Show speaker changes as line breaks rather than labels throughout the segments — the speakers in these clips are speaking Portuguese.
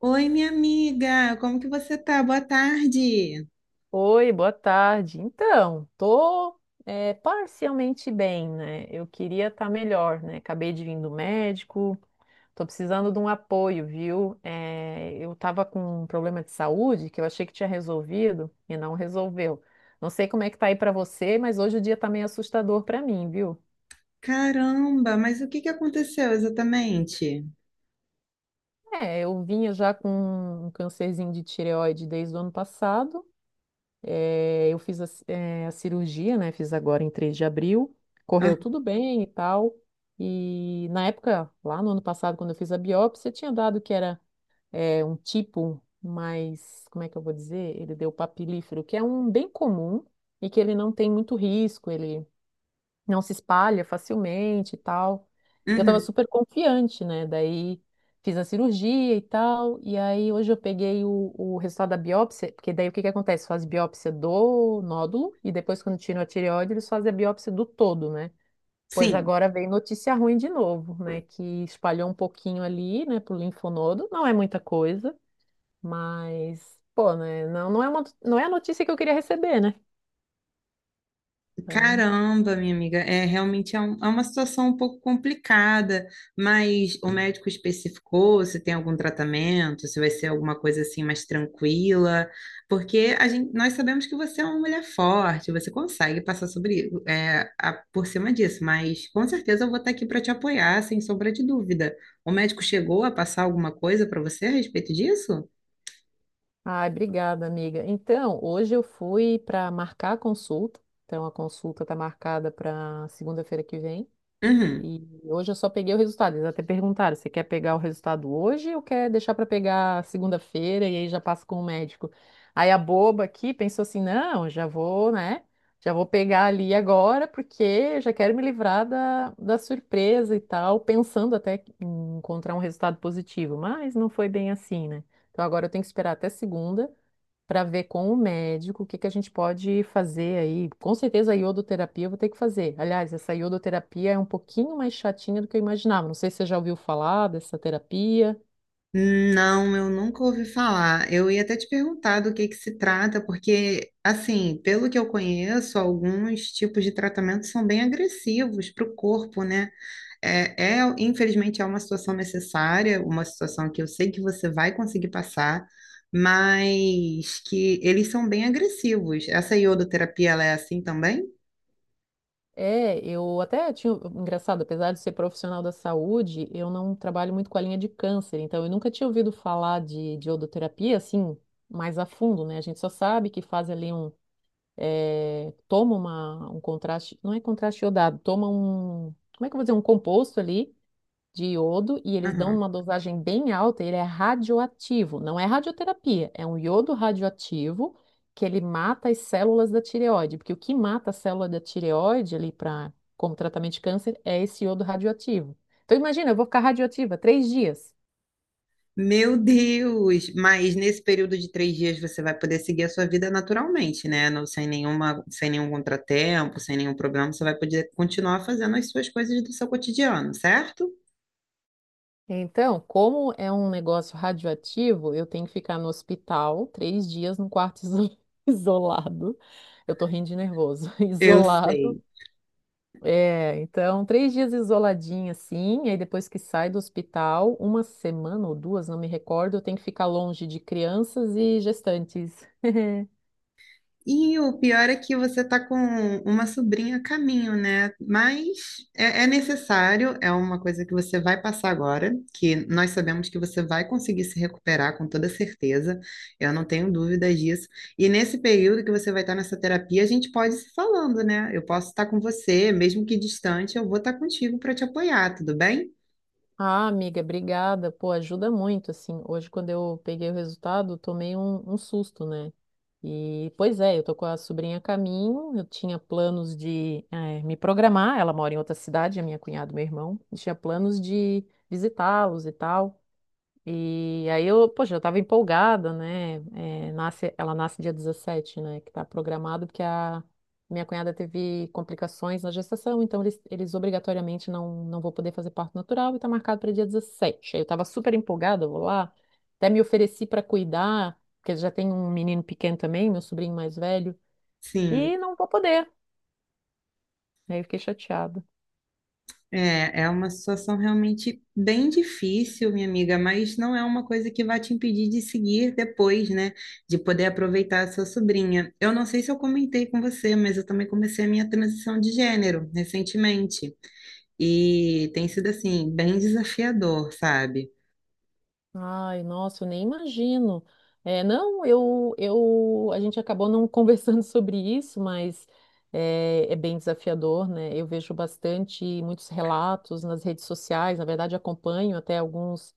Oi, minha amiga, como que você tá? Boa tarde.
Oi, boa tarde. Então, tô parcialmente bem, né? Eu queria estar melhor, né? Acabei de vir do médico, tô precisando de um apoio, viu? Eu tava com um problema de saúde que eu achei que tinha resolvido e não resolveu. Não sei como é que tá aí pra você, mas hoje o dia tá meio assustador pra mim, viu?
Caramba, mas o que que aconteceu exatamente?
É, eu vinha já com um cancerzinho de tireoide desde o ano passado. Eu fiz a cirurgia, né? Fiz agora em 3 de abril.
Ah,
Correu tudo bem e tal. E na época, lá no ano passado, quando eu fiz a biópsia, tinha dado que era um tipo mais, como é que eu vou dizer? Ele deu papilífero, que é um bem comum e que ele não tem muito risco. Ele não se espalha facilmente e tal. E eu tava
uhum,
super confiante, né? Daí fiz a cirurgia e tal, e aí hoje eu peguei o resultado da biópsia, porque daí o que que acontece? Faz biópsia do nódulo e depois quando tiram a tireoide, eles fazem a biópsia do todo, né? Pois
sim.
agora vem notícia ruim de novo, né? Que espalhou um pouquinho ali, né, pro linfonodo. Não é muita coisa, mas, pô, né? Não, não é uma, não é a notícia que eu queria receber, né? Então,
Caramba, minha amiga, é realmente é uma situação um pouco complicada, mas o médico especificou se tem algum tratamento, se vai ser alguma coisa assim mais tranquila, porque a gente, nós sabemos que você é uma mulher forte, você consegue passar sobre, por cima disso, mas com certeza eu vou estar aqui para te apoiar, sem sombra de dúvida. O médico chegou a passar alguma coisa para você a respeito disso?
Ai, obrigada, amiga. Então, hoje eu fui para marcar a consulta. Então, a consulta está marcada para segunda-feira que vem.
Uhum.
E hoje eu só peguei o resultado. Eles até perguntaram: você quer pegar o resultado hoje ou quer deixar para pegar segunda-feira e aí já passa com o médico? Aí a boba aqui pensou assim: não, já vou, né? Já vou pegar ali agora, porque eu já quero me livrar da surpresa e tal, pensando até em encontrar um resultado positivo. Mas não foi bem assim, né? Então agora eu tenho que esperar até segunda para ver com o médico o que que a gente pode fazer aí. Com certeza a iodoterapia eu vou ter que fazer. Aliás, essa iodoterapia é um pouquinho mais chatinha do que eu imaginava. Não sei se você já ouviu falar dessa terapia.
Não, eu nunca ouvi falar. Eu ia até te perguntar do que se trata, porque, assim, pelo que eu conheço, alguns tipos de tratamento são bem agressivos para o corpo, né? É, é, infelizmente, é uma situação necessária, uma situação que eu sei que você vai conseguir passar, mas que eles são bem agressivos. Essa iodoterapia, ela é assim também?
É, eu até tinha, engraçado, apesar de ser profissional da saúde, eu não trabalho muito com a linha de câncer, então eu nunca tinha ouvido falar de iodoterapia assim, mais a fundo, né? A gente só sabe que faz ali um, eh, toma um contraste, não é contraste iodado, toma um, como é que eu vou dizer, um composto ali, de iodo e eles dão
Aham.
uma dosagem bem alta, ele é radioativo. Não é radioterapia, é um iodo radioativo que ele mata as células da tireoide, porque o que mata a célula da tireoide ali para como tratamento de câncer é esse iodo radioativo. Então imagina, eu vou ficar radioativa 3 dias.
Meu Deus! Mas nesse período de 3 dias você vai poder seguir a sua vida naturalmente, né? Não, sem nenhuma, sem nenhum contratempo, sem nenhum problema, você vai poder continuar fazendo as suas coisas do seu cotidiano, certo?
Então, como é um negócio radioativo, eu tenho que ficar no hospital 3 dias num quarto isolado. Eu tô rindo de nervoso.
Eu
Isolado.
sei.
É, então, 3 dias isoladinha, assim, e aí depois que sai do hospital, uma semana ou duas, não me recordo, eu tenho que ficar longe de crianças e gestantes.
E o pior é que você está com uma sobrinha a caminho, né? Mas é, é necessário, é uma coisa que você vai passar agora, que nós sabemos que você vai conseguir se recuperar com toda certeza, eu não tenho dúvidas disso. E nesse período que você vai estar nessa terapia, a gente pode ir se falando, né? Eu posso estar com você, mesmo que distante, eu vou estar contigo para te apoiar, tudo bem?
Ah, amiga, obrigada. Pô, ajuda muito, assim. Hoje, quando eu peguei o resultado, eu tomei um susto, né? E, pois é, eu tô com a sobrinha a caminho, eu tinha planos de me programar, ela mora em outra cidade, a minha cunhada e meu irmão, e tinha planos de visitá-los e tal. E aí eu, poxa, eu estava empolgada, né? É, ela nasce dia 17, né? Que está programado, porque a minha cunhada teve complicações na gestação, então eles obrigatoriamente não, não vão poder fazer parto natural e está marcado para dia 17. Aí eu estava super empolgada, eu vou lá, até me ofereci para cuidar, porque já tem um menino pequeno também, meu sobrinho mais velho,
Sim.
e não vou poder. Aí eu fiquei chateada.
É, é uma situação realmente bem difícil, minha amiga, mas não é uma coisa que vai te impedir de seguir depois, né? De poder aproveitar a sua sobrinha. Eu não sei se eu comentei com você, mas eu também comecei a minha transição de gênero recentemente. E tem sido, assim, bem desafiador, sabe?
Ai, nossa, eu nem imagino. É, não, a gente acabou não conversando sobre isso, mas é bem desafiador, né? Eu vejo bastante, muitos relatos nas redes sociais, na verdade acompanho até alguns,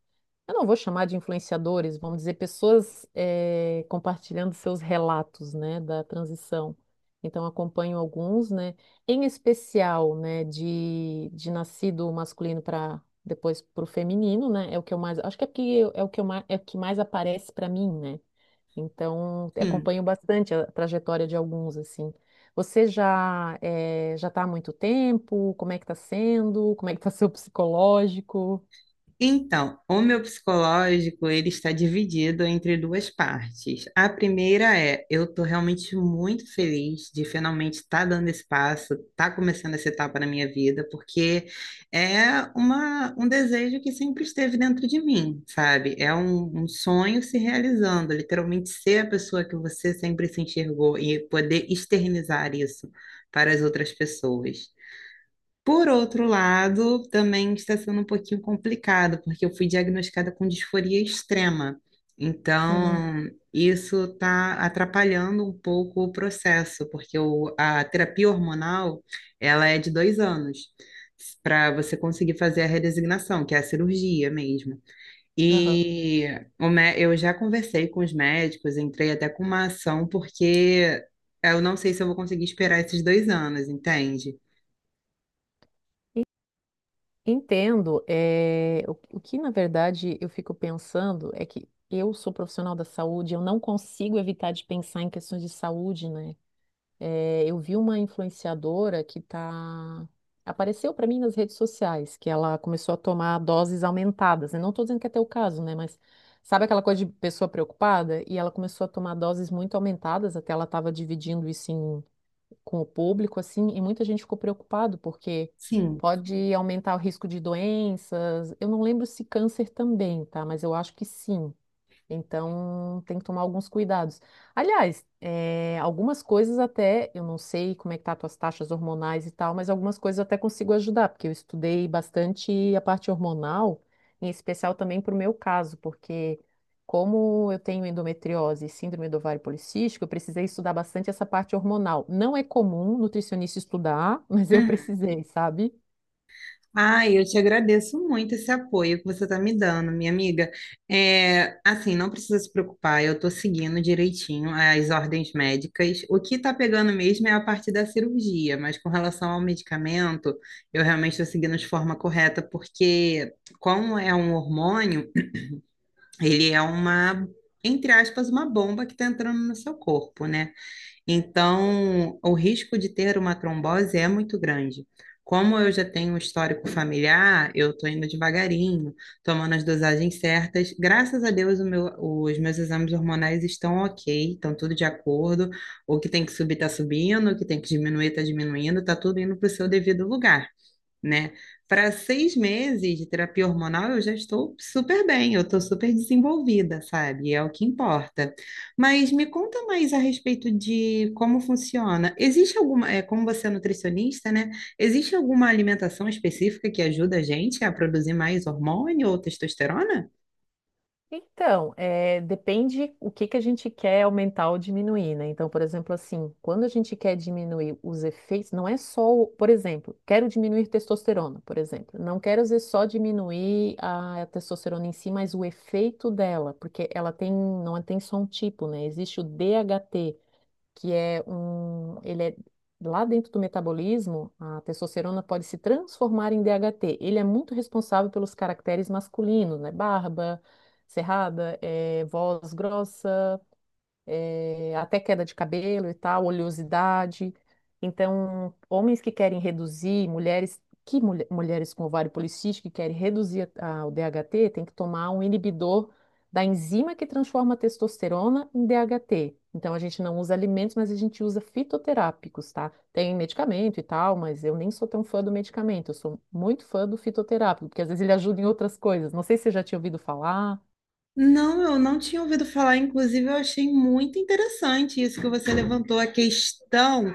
eu não vou chamar de influenciadores, vamos dizer, pessoas é, compartilhando seus relatos, né, da transição. Então acompanho alguns, né, em especial, né, de nascido masculino depois pro feminino, né? É o que eu mais, acho que é porque eu- é o que eu mais, É o que mais aparece para mim, né? Então, eu
Sim.
acompanho bastante a trajetória de alguns assim. Você já já está há muito tempo? Como é que está sendo? Como é que está seu psicológico?
Então, o meu psicológico, ele está dividido entre duas partes. A primeira é, eu estou realmente muito feliz de finalmente estar dando esse passo, estar começando essa etapa na minha vida, porque é um desejo que sempre esteve dentro de mim, sabe? É um sonho se realizando, literalmente ser a pessoa que você sempre se enxergou e poder externizar isso para as outras pessoas. Por outro lado, também está sendo um pouquinho complicado, porque eu fui diagnosticada com disforia extrema.
Hum,
Então, isso está atrapalhando um pouco o processo, porque a terapia hormonal, ela é de 2 anos, para você conseguir fazer a redesignação, que é a cirurgia mesmo.
aham.
E eu já conversei com os médicos, entrei até com uma ação, porque eu não sei se eu vou conseguir esperar esses 2 anos, entende?
Entendo. É o que, na verdade, eu fico pensando é que eu sou profissional da saúde, eu não consigo evitar de pensar em questões de saúde, né? É, eu vi uma influenciadora que apareceu para mim nas redes sociais, que ela começou a tomar doses aumentadas. Eu não estou dizendo que é teu caso, né? Mas sabe aquela coisa de pessoa preocupada? E ela começou a tomar doses muito aumentadas, até ela estava dividindo isso com o público, assim, e muita gente ficou preocupado, porque
Sim.
pode aumentar o risco de doenças. Eu não lembro se câncer também, tá? Mas eu acho que sim. Então, tem que tomar alguns cuidados. Aliás, algumas coisas até, eu não sei como é que tá as tuas taxas hormonais e tal, mas algumas coisas eu até consigo ajudar, porque eu estudei bastante a parte hormonal, em especial também para o meu caso, porque como eu tenho endometriose e síndrome do ovário policístico, eu precisei estudar bastante essa parte hormonal. Não é comum nutricionista estudar, mas eu precisei, sabe?
Ah, eu te agradeço muito esse apoio que você está me dando, minha amiga. É, assim, não precisa se preocupar, eu estou seguindo direitinho as ordens médicas. O que está pegando mesmo é a parte da cirurgia, mas com relação ao medicamento, eu realmente estou seguindo de forma correta, porque como é um hormônio, ele é uma, entre aspas, uma bomba que está entrando no seu corpo, né? Então, o risco de ter uma trombose é muito grande. Como eu já tenho um histórico familiar, eu estou indo devagarinho, tomando as dosagens certas. Graças a Deus, os meus exames hormonais estão ok, estão tudo de acordo. O que tem que subir está subindo, o que tem que diminuir está diminuindo, está tudo indo para o seu devido lugar, né? Para 6 meses de terapia hormonal, eu já estou super bem, eu estou super desenvolvida, sabe? É o que importa. Mas me conta mais a respeito de como funciona. Existe alguma, é, como você é nutricionista, né? Existe alguma alimentação específica que ajuda a gente a produzir mais hormônio ou testosterona?
Então, depende o que que a gente quer aumentar ou diminuir, né? Então, por exemplo, assim, quando a gente quer diminuir os efeitos, não é só, por exemplo, quero diminuir testosterona, por exemplo. Não quero dizer só diminuir a testosterona em si, mas o efeito dela, porque ela tem, não tem só um tipo, né? Existe o DHT, que é um, ele é lá dentro do metabolismo, a testosterona pode se transformar em DHT. Ele é muito responsável pelos caracteres masculinos, né? Barba, cerrada, voz grossa, até queda de cabelo e tal, oleosidade. Então, homens que querem reduzir, mulheres com ovário policístico que querem reduzir o DHT, tem que tomar um inibidor da enzima que transforma a testosterona em DHT. Então, a gente não usa alimentos, mas a gente usa fitoterápicos, tá? Tem medicamento e tal, mas eu nem sou tão fã do medicamento. Eu sou muito fã do fitoterápico, porque às vezes ele ajuda em outras coisas. Não sei se você já tinha ouvido falar.
Não, eu não tinha ouvido falar. Inclusive, eu achei muito interessante isso que você levantou a questão,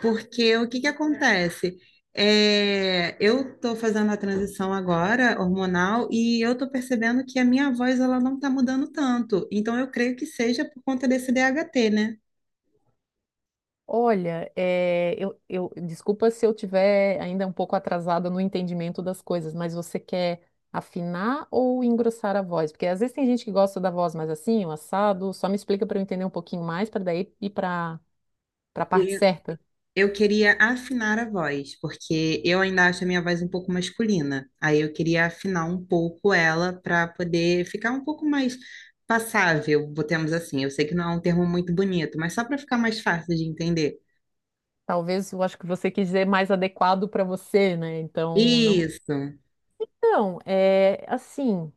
porque o que que acontece? É, eu estou fazendo a transição agora hormonal e eu estou percebendo que a minha voz ela não está mudando tanto. Então, eu creio que seja por conta desse DHT, né?
Olha, é, desculpa se eu tiver ainda um pouco atrasada no entendimento das coisas, mas você quer afinar ou engrossar a voz? Porque às vezes tem gente que gosta da voz mais assim, o assado. Só me explica para eu entender um pouquinho mais, para daí ir para a parte certa.
Eu queria afinar a voz, porque eu ainda acho a minha voz um pouco masculina. Aí eu queria afinar um pouco ela para poder ficar um pouco mais passável, botemos assim. Eu sei que não é um termo muito bonito, mas só para ficar mais fácil de entender.
Talvez eu acho que você quis dizer mais adequado para você, né? Então, não.
Isso.
Então, é assim.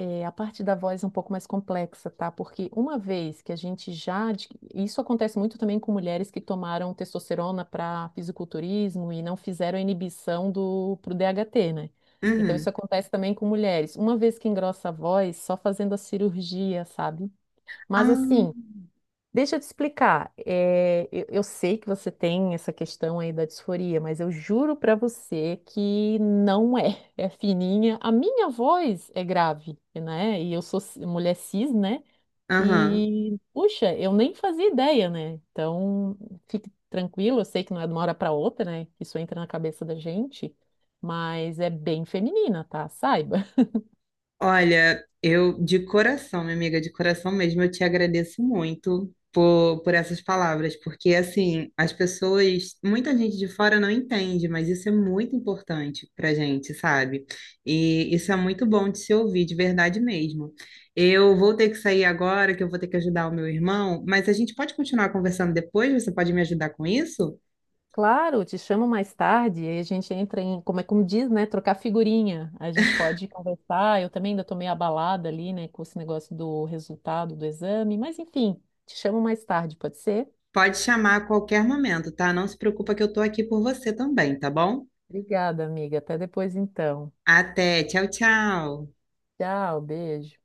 É, a parte da voz é um pouco mais complexa, tá? Porque uma vez que a gente já. Isso acontece muito também com mulheres que tomaram testosterona para fisiculturismo e não fizeram a inibição do pro DHT, né? Então isso
Uhum.
acontece também com mulheres. Uma vez que engrossa a voz, só fazendo a cirurgia, sabe? Mas
Ah,
assim, deixa eu te explicar. É, eu sei que você tem essa questão aí da disforia, mas eu juro pra você que não é. É fininha. A minha voz é grave, né? E eu sou mulher cis, né?
aham.
E, puxa, eu nem fazia ideia, né? Então, fique tranquilo. Eu sei que não é de uma hora pra outra, né? Isso entra na cabeça da gente, mas é bem feminina, tá? Saiba.
Olha, eu de coração, minha amiga, de coração mesmo, eu te agradeço muito por essas palavras, porque assim, as pessoas, muita gente de fora não entende, mas isso é muito importante pra gente, sabe? E isso é muito bom de se ouvir, de verdade mesmo. Eu vou ter que sair agora, que eu vou ter que ajudar o meu irmão, mas a gente pode continuar conversando depois? Você pode me ajudar com isso?
Claro, te chamo mais tarde, aí a gente entra em, como é como diz, né, trocar figurinha. A gente pode conversar. Eu também ainda tô meio abalada ali, né, com esse negócio do resultado do exame, mas enfim, te chamo mais tarde, pode ser?
Pode chamar a qualquer momento, tá? Não se preocupa que eu tô aqui por você também, tá bom?
Obrigada, amiga. Até depois então.
Até, tchau, tchau.
Tchau, beijo.